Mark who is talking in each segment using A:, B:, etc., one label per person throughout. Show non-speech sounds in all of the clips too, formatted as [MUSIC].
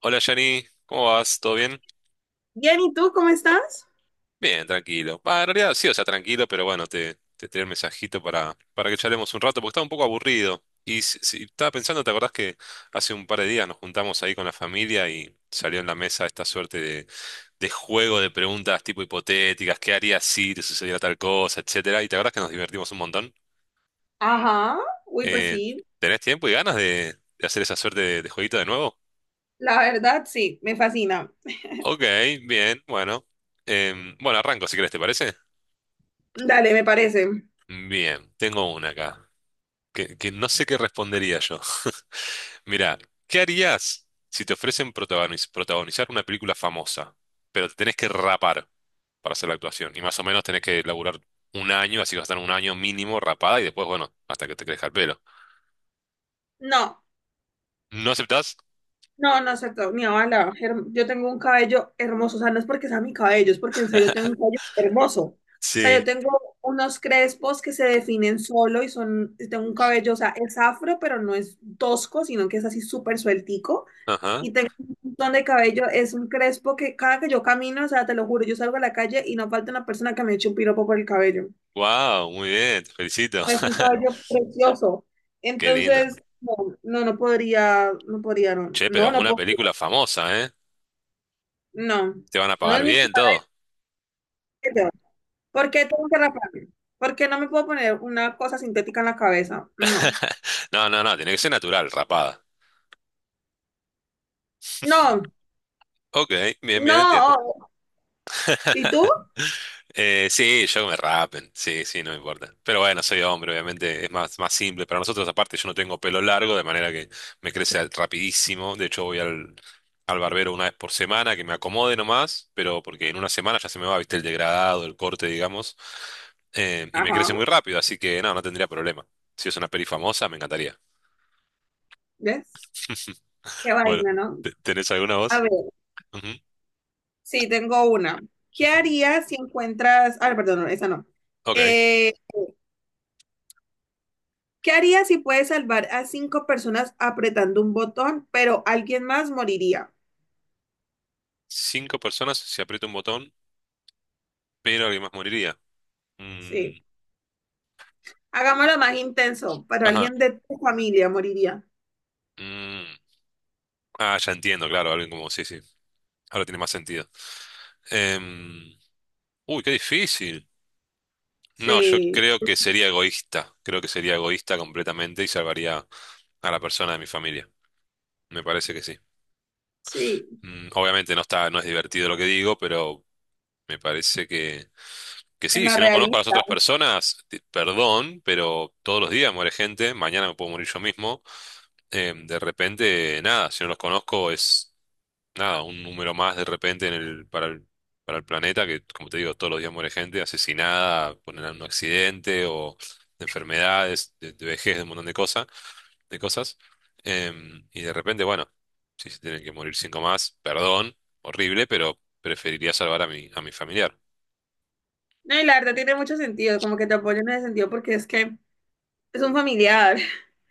A: Hola Yanni, ¿cómo vas? ¿Todo bien?
B: Bien, ¿y tú cómo estás?
A: Bien, tranquilo. Bah, en realidad sí, o sea, tranquilo, pero bueno, te tiré el mensajito para que charlemos un rato, porque estaba un poco aburrido. Y estaba pensando, ¿te acordás que hace un par de días nos juntamos ahí con la familia y salió en la mesa esta suerte de juego de preguntas tipo hipotéticas, qué harías si te sucediera tal cosa, etcétera? Y te acordás que nos divertimos un montón.
B: Ajá, uy, pues
A: Eh,
B: sí,
A: ¿Tenés tiempo y ganas de hacer esa suerte de jueguito de nuevo?
B: la verdad sí, me fascina.
A: Ok, bien, bueno. Bueno, arranco si querés, ¿te parece?
B: Dale, me parece.
A: Bien, tengo una acá, que no sé qué respondería yo. [LAUGHS] Mirá, ¿qué harías si te ofrecen protagonizar una película famosa, pero te tenés que rapar para hacer la actuación? Y más o menos tenés que laburar un año, así que vas a estar un año mínimo rapada y después, bueno, hasta que te crezca el pelo.
B: No,
A: ¿No aceptás?
B: no, no es cierto, mi abuela, yo tengo un cabello hermoso, o sea, no es porque sea mi cabello, es porque en serio tengo un cabello hermoso. O sea,
A: Sí.
B: yo tengo unos crespos que se definen solo y son, y tengo un cabello, o sea, es afro, pero no es tosco, sino que es así súper sueltico.
A: Ajá.
B: Y tengo un montón de cabello, es un crespo que cada que yo camino, o sea, te lo juro, yo salgo a la calle y no falta una persona que me eche un piropo por el cabello.
A: Wow, muy bien, te felicito.
B: Es un
A: [LAUGHS]
B: caballo precioso.
A: Qué lindo.
B: Entonces, no, no, no podría, no podría, no,
A: Che,
B: no,
A: pero
B: no
A: una
B: podría,
A: película famosa, ¿eh?
B: no,
A: Te van a
B: no
A: pagar
B: es mi
A: bien todo.
B: caballo. ¿Por qué tengo que raparme? ¿Por qué no me puedo poner una cosa sintética en la cabeza? No,
A: [LAUGHS] No, no, no, tiene que ser natural, rapada.
B: no,
A: Ok, bien, bien, entiendo.
B: no. ¿Y tú?
A: Sí, yo que me rapen, sí, sí, no me importa. Pero bueno, soy hombre, obviamente es más, más simple. Para nosotros, aparte, yo no tengo pelo largo, de manera que me crece rapidísimo. De hecho, voy al barbero una vez por semana, que me acomode nomás, pero porque en una semana ya se me va, viste, el degradado, el corte, digamos. Y me crece
B: Ajá,
A: muy rápido, así que no, no tendría problema. Si es una peli famosa, me encantaría.
B: ¿ves? Qué
A: Bueno,
B: vaina, ¿no?
A: ¿tenés alguna
B: A
A: voz?
B: ver,
A: Ujú,
B: sí, tengo una. ¿Qué
A: ujú.
B: harías si encuentras, ah, no, perdón, no, esa no.
A: Ok.
B: Eh, ¿Qué harías si puedes salvar a cinco personas apretando un botón, pero alguien más moriría?
A: Cinco personas si aprieto un botón, pero alguien más moriría.
B: Sí,
A: Mm,
B: hagámoslo más intenso, pero
A: ajá.
B: alguien de tu familia moriría.
A: Mm. Ah, ya entiendo, claro, alguien como, sí, sí, ahora tiene más sentido. Em, uy, qué difícil. No, yo
B: Sí,
A: creo que sería egoísta, creo que sería egoísta completamente y salvaría a la persona de mi familia, me parece que sí.
B: sí,
A: Mm, obviamente no está, no es divertido lo que digo, pero me parece que
B: en
A: sí,
B: la
A: si no conozco a las
B: realista.
A: otras personas, perdón, pero todos los días muere gente, mañana me puedo morir yo mismo. De repente, nada, si no los conozco es... nada, un número más de repente en para para el planeta, que como te digo, todos los días muere gente asesinada, ponen un accidente o de enfermedades, de vejez, de un montón de cosas, de cosas. Y de repente, bueno, si se tienen que morir cinco más, perdón, horrible, pero preferiría salvar a a mi familiar.
B: No, y la verdad tiene mucho sentido, como que te apoyo en ese sentido porque es que es un familiar.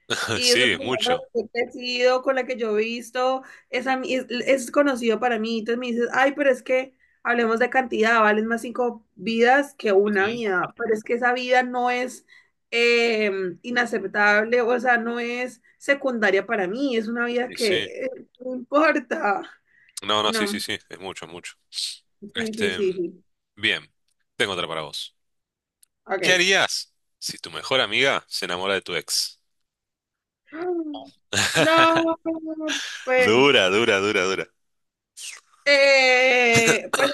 A: [LAUGHS]
B: Y es una
A: Sí, es
B: persona
A: mucho.
B: con la que he crecido, con la que yo he visto, es conocido para mí. Entonces me dices, ay, pero es que hablemos de cantidad, valen más cinco vidas que una
A: Ujú.
B: vida. Pero es que esa vida no es eh, inaceptable, o sea, no es secundaria para mí, es una vida
A: Sí,
B: que
A: sí.
B: eh, no importa.
A: No, no, sí, sí,
B: No,
A: sí, es mucho, es mucho.
B: sí, sí,
A: Este,
B: sí, sí.
A: bien, tengo otra para vos. ¿Qué
B: Ok.
A: harías si tu mejor amiga se enamora de tu ex?
B: [GASPS]
A: [LAUGHS]
B: No, pues,
A: Dura, dura, dura, dura.
B: pues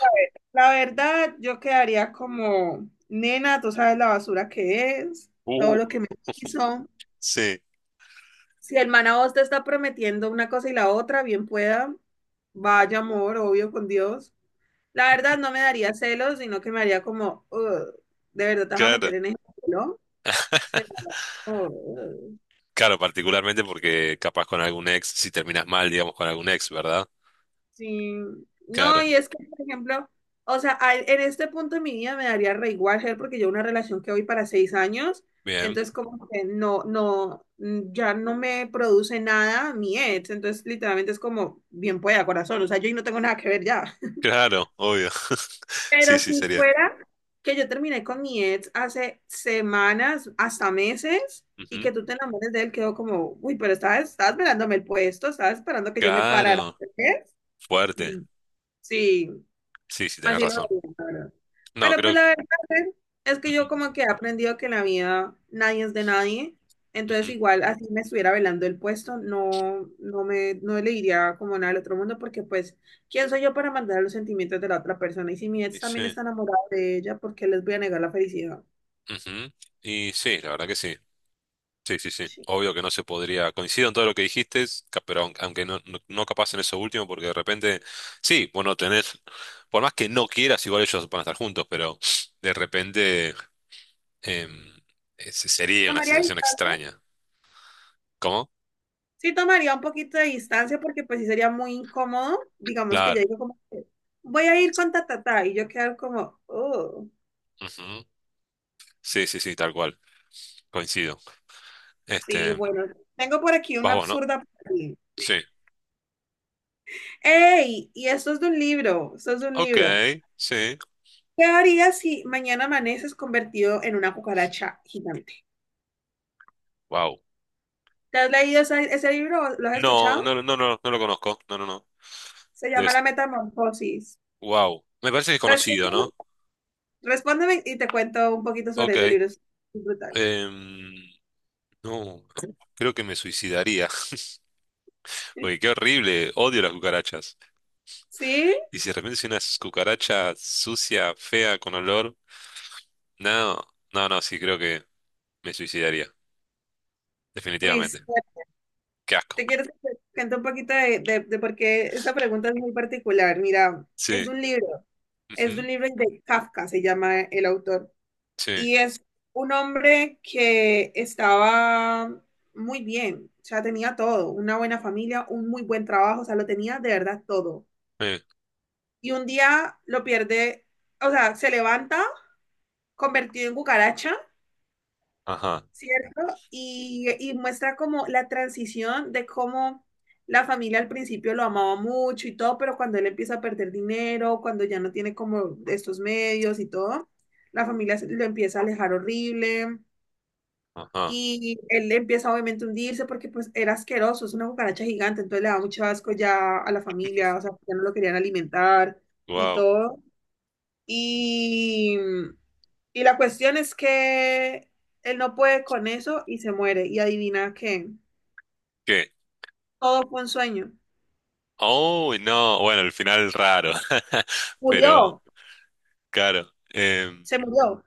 B: la verdad, yo quedaría como, nena, tú sabes la basura que es, todo
A: Uh,
B: lo que me hizo.
A: sí,
B: Si el man a vos te está prometiendo una cosa y la otra, bien pueda, vaya amor, obvio con Dios. La verdad, no me daría celos, sino que me haría como, "Ugh, de verdad te vas a
A: claro.
B: meter en ese ¿no?"
A: [LAUGHS] Claro, particularmente porque capaz con algún ex, si terminas mal, digamos, con algún ex, ¿verdad?
B: Sí, no,
A: Claro,
B: y es que, por ejemplo, o sea, en este punto de mi vida me daría re igual, Ger, porque yo una relación que voy para 6 años,
A: bien.
B: entonces como que no, no, ya no me produce nada mi ex, entonces literalmente es como, bien pueda, corazón, o sea, yo ahí no tengo nada que ver ya. [LAUGHS]
A: Claro, obvio. [LAUGHS] Sí,
B: Pero
A: sí,
B: si
A: sería.
B: fuera que yo terminé con mi ex hace semanas, hasta meses, y que
A: Ujú.
B: tú te enamores de él, quedó como, uy, pero estabas, estabas velándome el puesto, estabas esperando que yo me parara.
A: Claro,
B: ¿Ves? Mm,
A: fuerte.
B: sí.
A: Sí, sí, tenés
B: Así lo
A: razón.
B: vería, la verdad.
A: No,
B: Pero pues
A: creo.
B: la verdad es que yo
A: Ujú,
B: como que he aprendido que en la vida nadie es de nadie. Entonces
A: ujú.
B: igual así me estuviera velando el puesto, no, no me, no le diría como nada al otro mundo porque pues, ¿quién soy yo para mandar los sentimientos de la otra persona? Y si mi ex
A: Y
B: también
A: sí.
B: está enamorado de ella, ¿por qué les voy a negar la felicidad?
A: Ujú. Y sí, la verdad que sí. Sí, sí, sí.
B: Sí.
A: Obvio que no se podría. Coincido en todo lo que dijiste, pero aunque no, no, no capaz en eso último, porque de repente, sí, bueno, tenés, por más que no quieras, igual ellos van a estar juntos, pero de repente em, ese sería una
B: Tomaría,
A: sensación extraña. ¿Cómo?
B: sí tomaría un poquito de distancia porque pues sí sería muy incómodo, digamos que ya
A: Claro.
B: digo como que voy a ir con ta ta ta y yo quedar como, oh.
A: Ujú. Sí, sí, sí, tal cual. Coincido.
B: Sí,
A: Este,
B: bueno, tengo por aquí
A: vas
B: una
A: vos, ¿no?
B: absurda para ti.
A: Sí.
B: ¡Ey! Y esto es de un libro, esto es de un
A: Ok,
B: libro.
A: sí.
B: ¿Qué harías si mañana amaneces convertido en una cucaracha gigante?
A: Wow.
B: ¿Te has leído ese libro? ¿O lo has
A: No,
B: escuchado?
A: no, no, no, no, no lo conozco. No, no, no.
B: Se llama
A: Debes...
B: La Metamorfosis.
A: Wow. Me parece que es conocido,
B: Respóndeme,
A: ¿no?
B: respóndeme y te cuento un poquito sobre ese
A: Ok.
B: libro. Es brutal.
A: Em, no, [CLEARS THROAT] creo que me suicidaría, [LAUGHS] porque qué horrible, odio las cucarachas.
B: ¿Sí?
A: Y si de repente soy una cucaracha sucia, fea, con olor, no, no, no, sí, creo que me suicidaría,
B: Uy, sí,
A: definitivamente. Qué
B: te
A: asco.
B: quiero que te cuente un poquito de por qué esta pregunta es muy particular. Mira, es
A: Sí,
B: de un libro, es de
A: ujú,
B: un libro de Kafka, se llama el autor.
A: sí,
B: Y es un hombre que estaba muy bien, o sea, tenía todo, una buena familia, un muy buen trabajo, o sea, lo tenía de verdad todo.
A: eh,
B: Y un día lo pierde, o sea, se levanta convertido en cucaracha,
A: ajá,
B: ¿cierto? Y muestra como la transición de cómo la familia al principio lo amaba mucho y todo, pero cuando él empieza a perder dinero, cuando ya no tiene como estos medios y todo, la familia lo empieza a alejar horrible.
A: ajá,
B: Y él empieza obviamente a hundirse porque pues era asqueroso, es una cucaracha gigante, entonces le da mucho asco ya a la familia, o sea, ya no lo querían alimentar y
A: wow,
B: todo. Y, y la cuestión es que él no puede con eso y se muere. Y adivina que
A: ¿qué?
B: todo fue un sueño.
A: Oh, no, bueno, el final raro, [LAUGHS] pero
B: Murió,
A: claro,
B: se murió.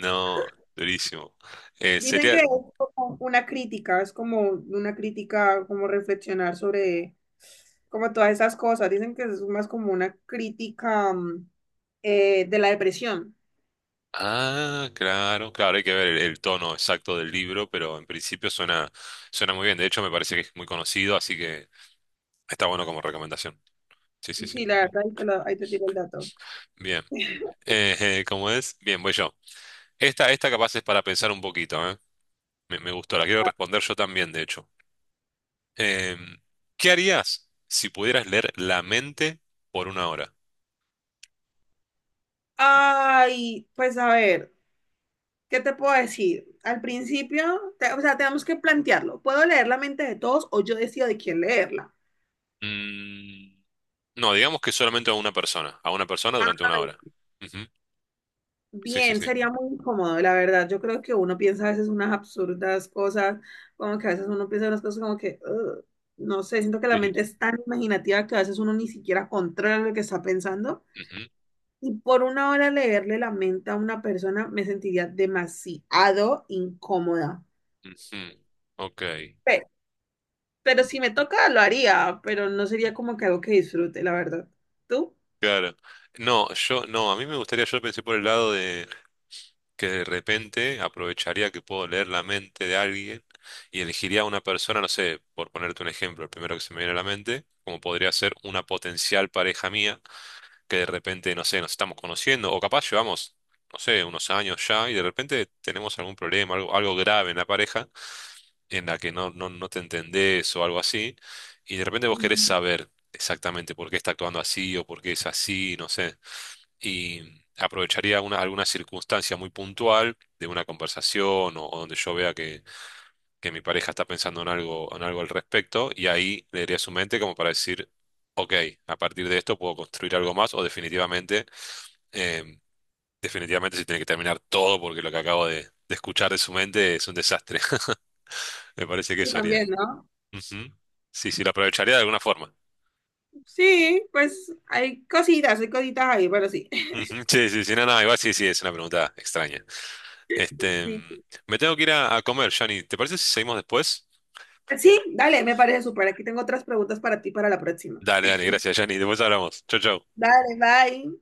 A: no, durísimo.
B: Dicen que
A: Sería.
B: es como una crítica, es como una crítica, como reflexionar sobre como todas esas cosas. Dicen que es más como una crítica de la depresión.
A: Ah, claro, claro, hay que ver el tono exacto del libro, pero en principio suena, suena muy bien. De hecho, me parece que es muy conocido, así que está bueno como recomendación. Sí, sí, sí.
B: Sí, la verdad, ahí te tiro el dato.
A: Bien.
B: [LAUGHS]
A: Eh, [LAUGHS] ¿cómo es? Bien, voy yo. Esta capaz es para pensar un poquito, ¿eh? Me gustó, la quiero responder yo también, de hecho. Em, ¿Qué harías si pudieras leer la mente por una hora?
B: Ay, pues a ver, ¿qué te puedo decir? Al principio, o sea, tenemos que plantearlo. ¿Puedo leer la mente de todos o yo decido de quién leerla?
A: Mm, no, digamos que solamente a una persona durante una hora. Ujú. Sí, sí,
B: Bien,
A: sí.
B: sería muy incómodo, la verdad. Yo creo que uno piensa a veces unas absurdas cosas, como que a veces uno piensa unas cosas como que, "Ugh", no sé, siento que la
A: Sí, sí.
B: mente es tan imaginativa que a veces uno ni siquiera controla lo que está pensando.
A: Ujú.
B: Y por una hora leerle la mente a una persona me sentiría demasiado incómoda.
A: Ujú, ok,
B: Pe- Pero, si me toca, lo haría, pero no sería como que algo que disfrute, la verdad. ¿Tú?
A: claro. No, yo no, a mí me gustaría, yo pensé por el lado de que de repente aprovecharía que puedo leer la mente de alguien y elegiría a una persona, no sé, por ponerte un ejemplo, el primero que se me viene a la mente, como podría ser una potencial pareja mía, que de repente, no sé, nos estamos conociendo, o capaz llevamos, no sé, unos años ya, y de repente tenemos algún problema, algo, algo grave en la pareja, en la que no, no, no te entendés o algo así, y de repente vos querés
B: Ujú.
A: saber exactamente por qué está actuando así o por qué es así, no sé, y aprovecharía una, alguna circunstancia muy puntual de una conversación o donde yo vea que mi pareja está pensando en algo al respecto, y ahí leería su mente como para decir, ok, a partir de esto puedo construir algo más o definitivamente... em, definitivamente se tiene que terminar todo porque lo que acabo de escuchar de su mente es un desastre. [LAUGHS] Me parece que
B: Sí,
A: eso haría.
B: también, ¿no?
A: Ujú. Sí, sí, lo aprovecharía de alguna forma.
B: Sí, pues hay cositas ahí, pero sí.
A: Ujú, sí, sí, sí, no, no, igual sí, sí, es una pregunta extraña. Este, mm,
B: [LAUGHS]
A: me tengo que ir a comer, Jani. ¿Te parece si seguimos después?
B: Sí, dale, me parece súper. Aquí tengo otras preguntas para ti para la próxima.
A: Dale, dale, gracias, Jani. Después hablamos. Chau, chau.
B: Dale, bye.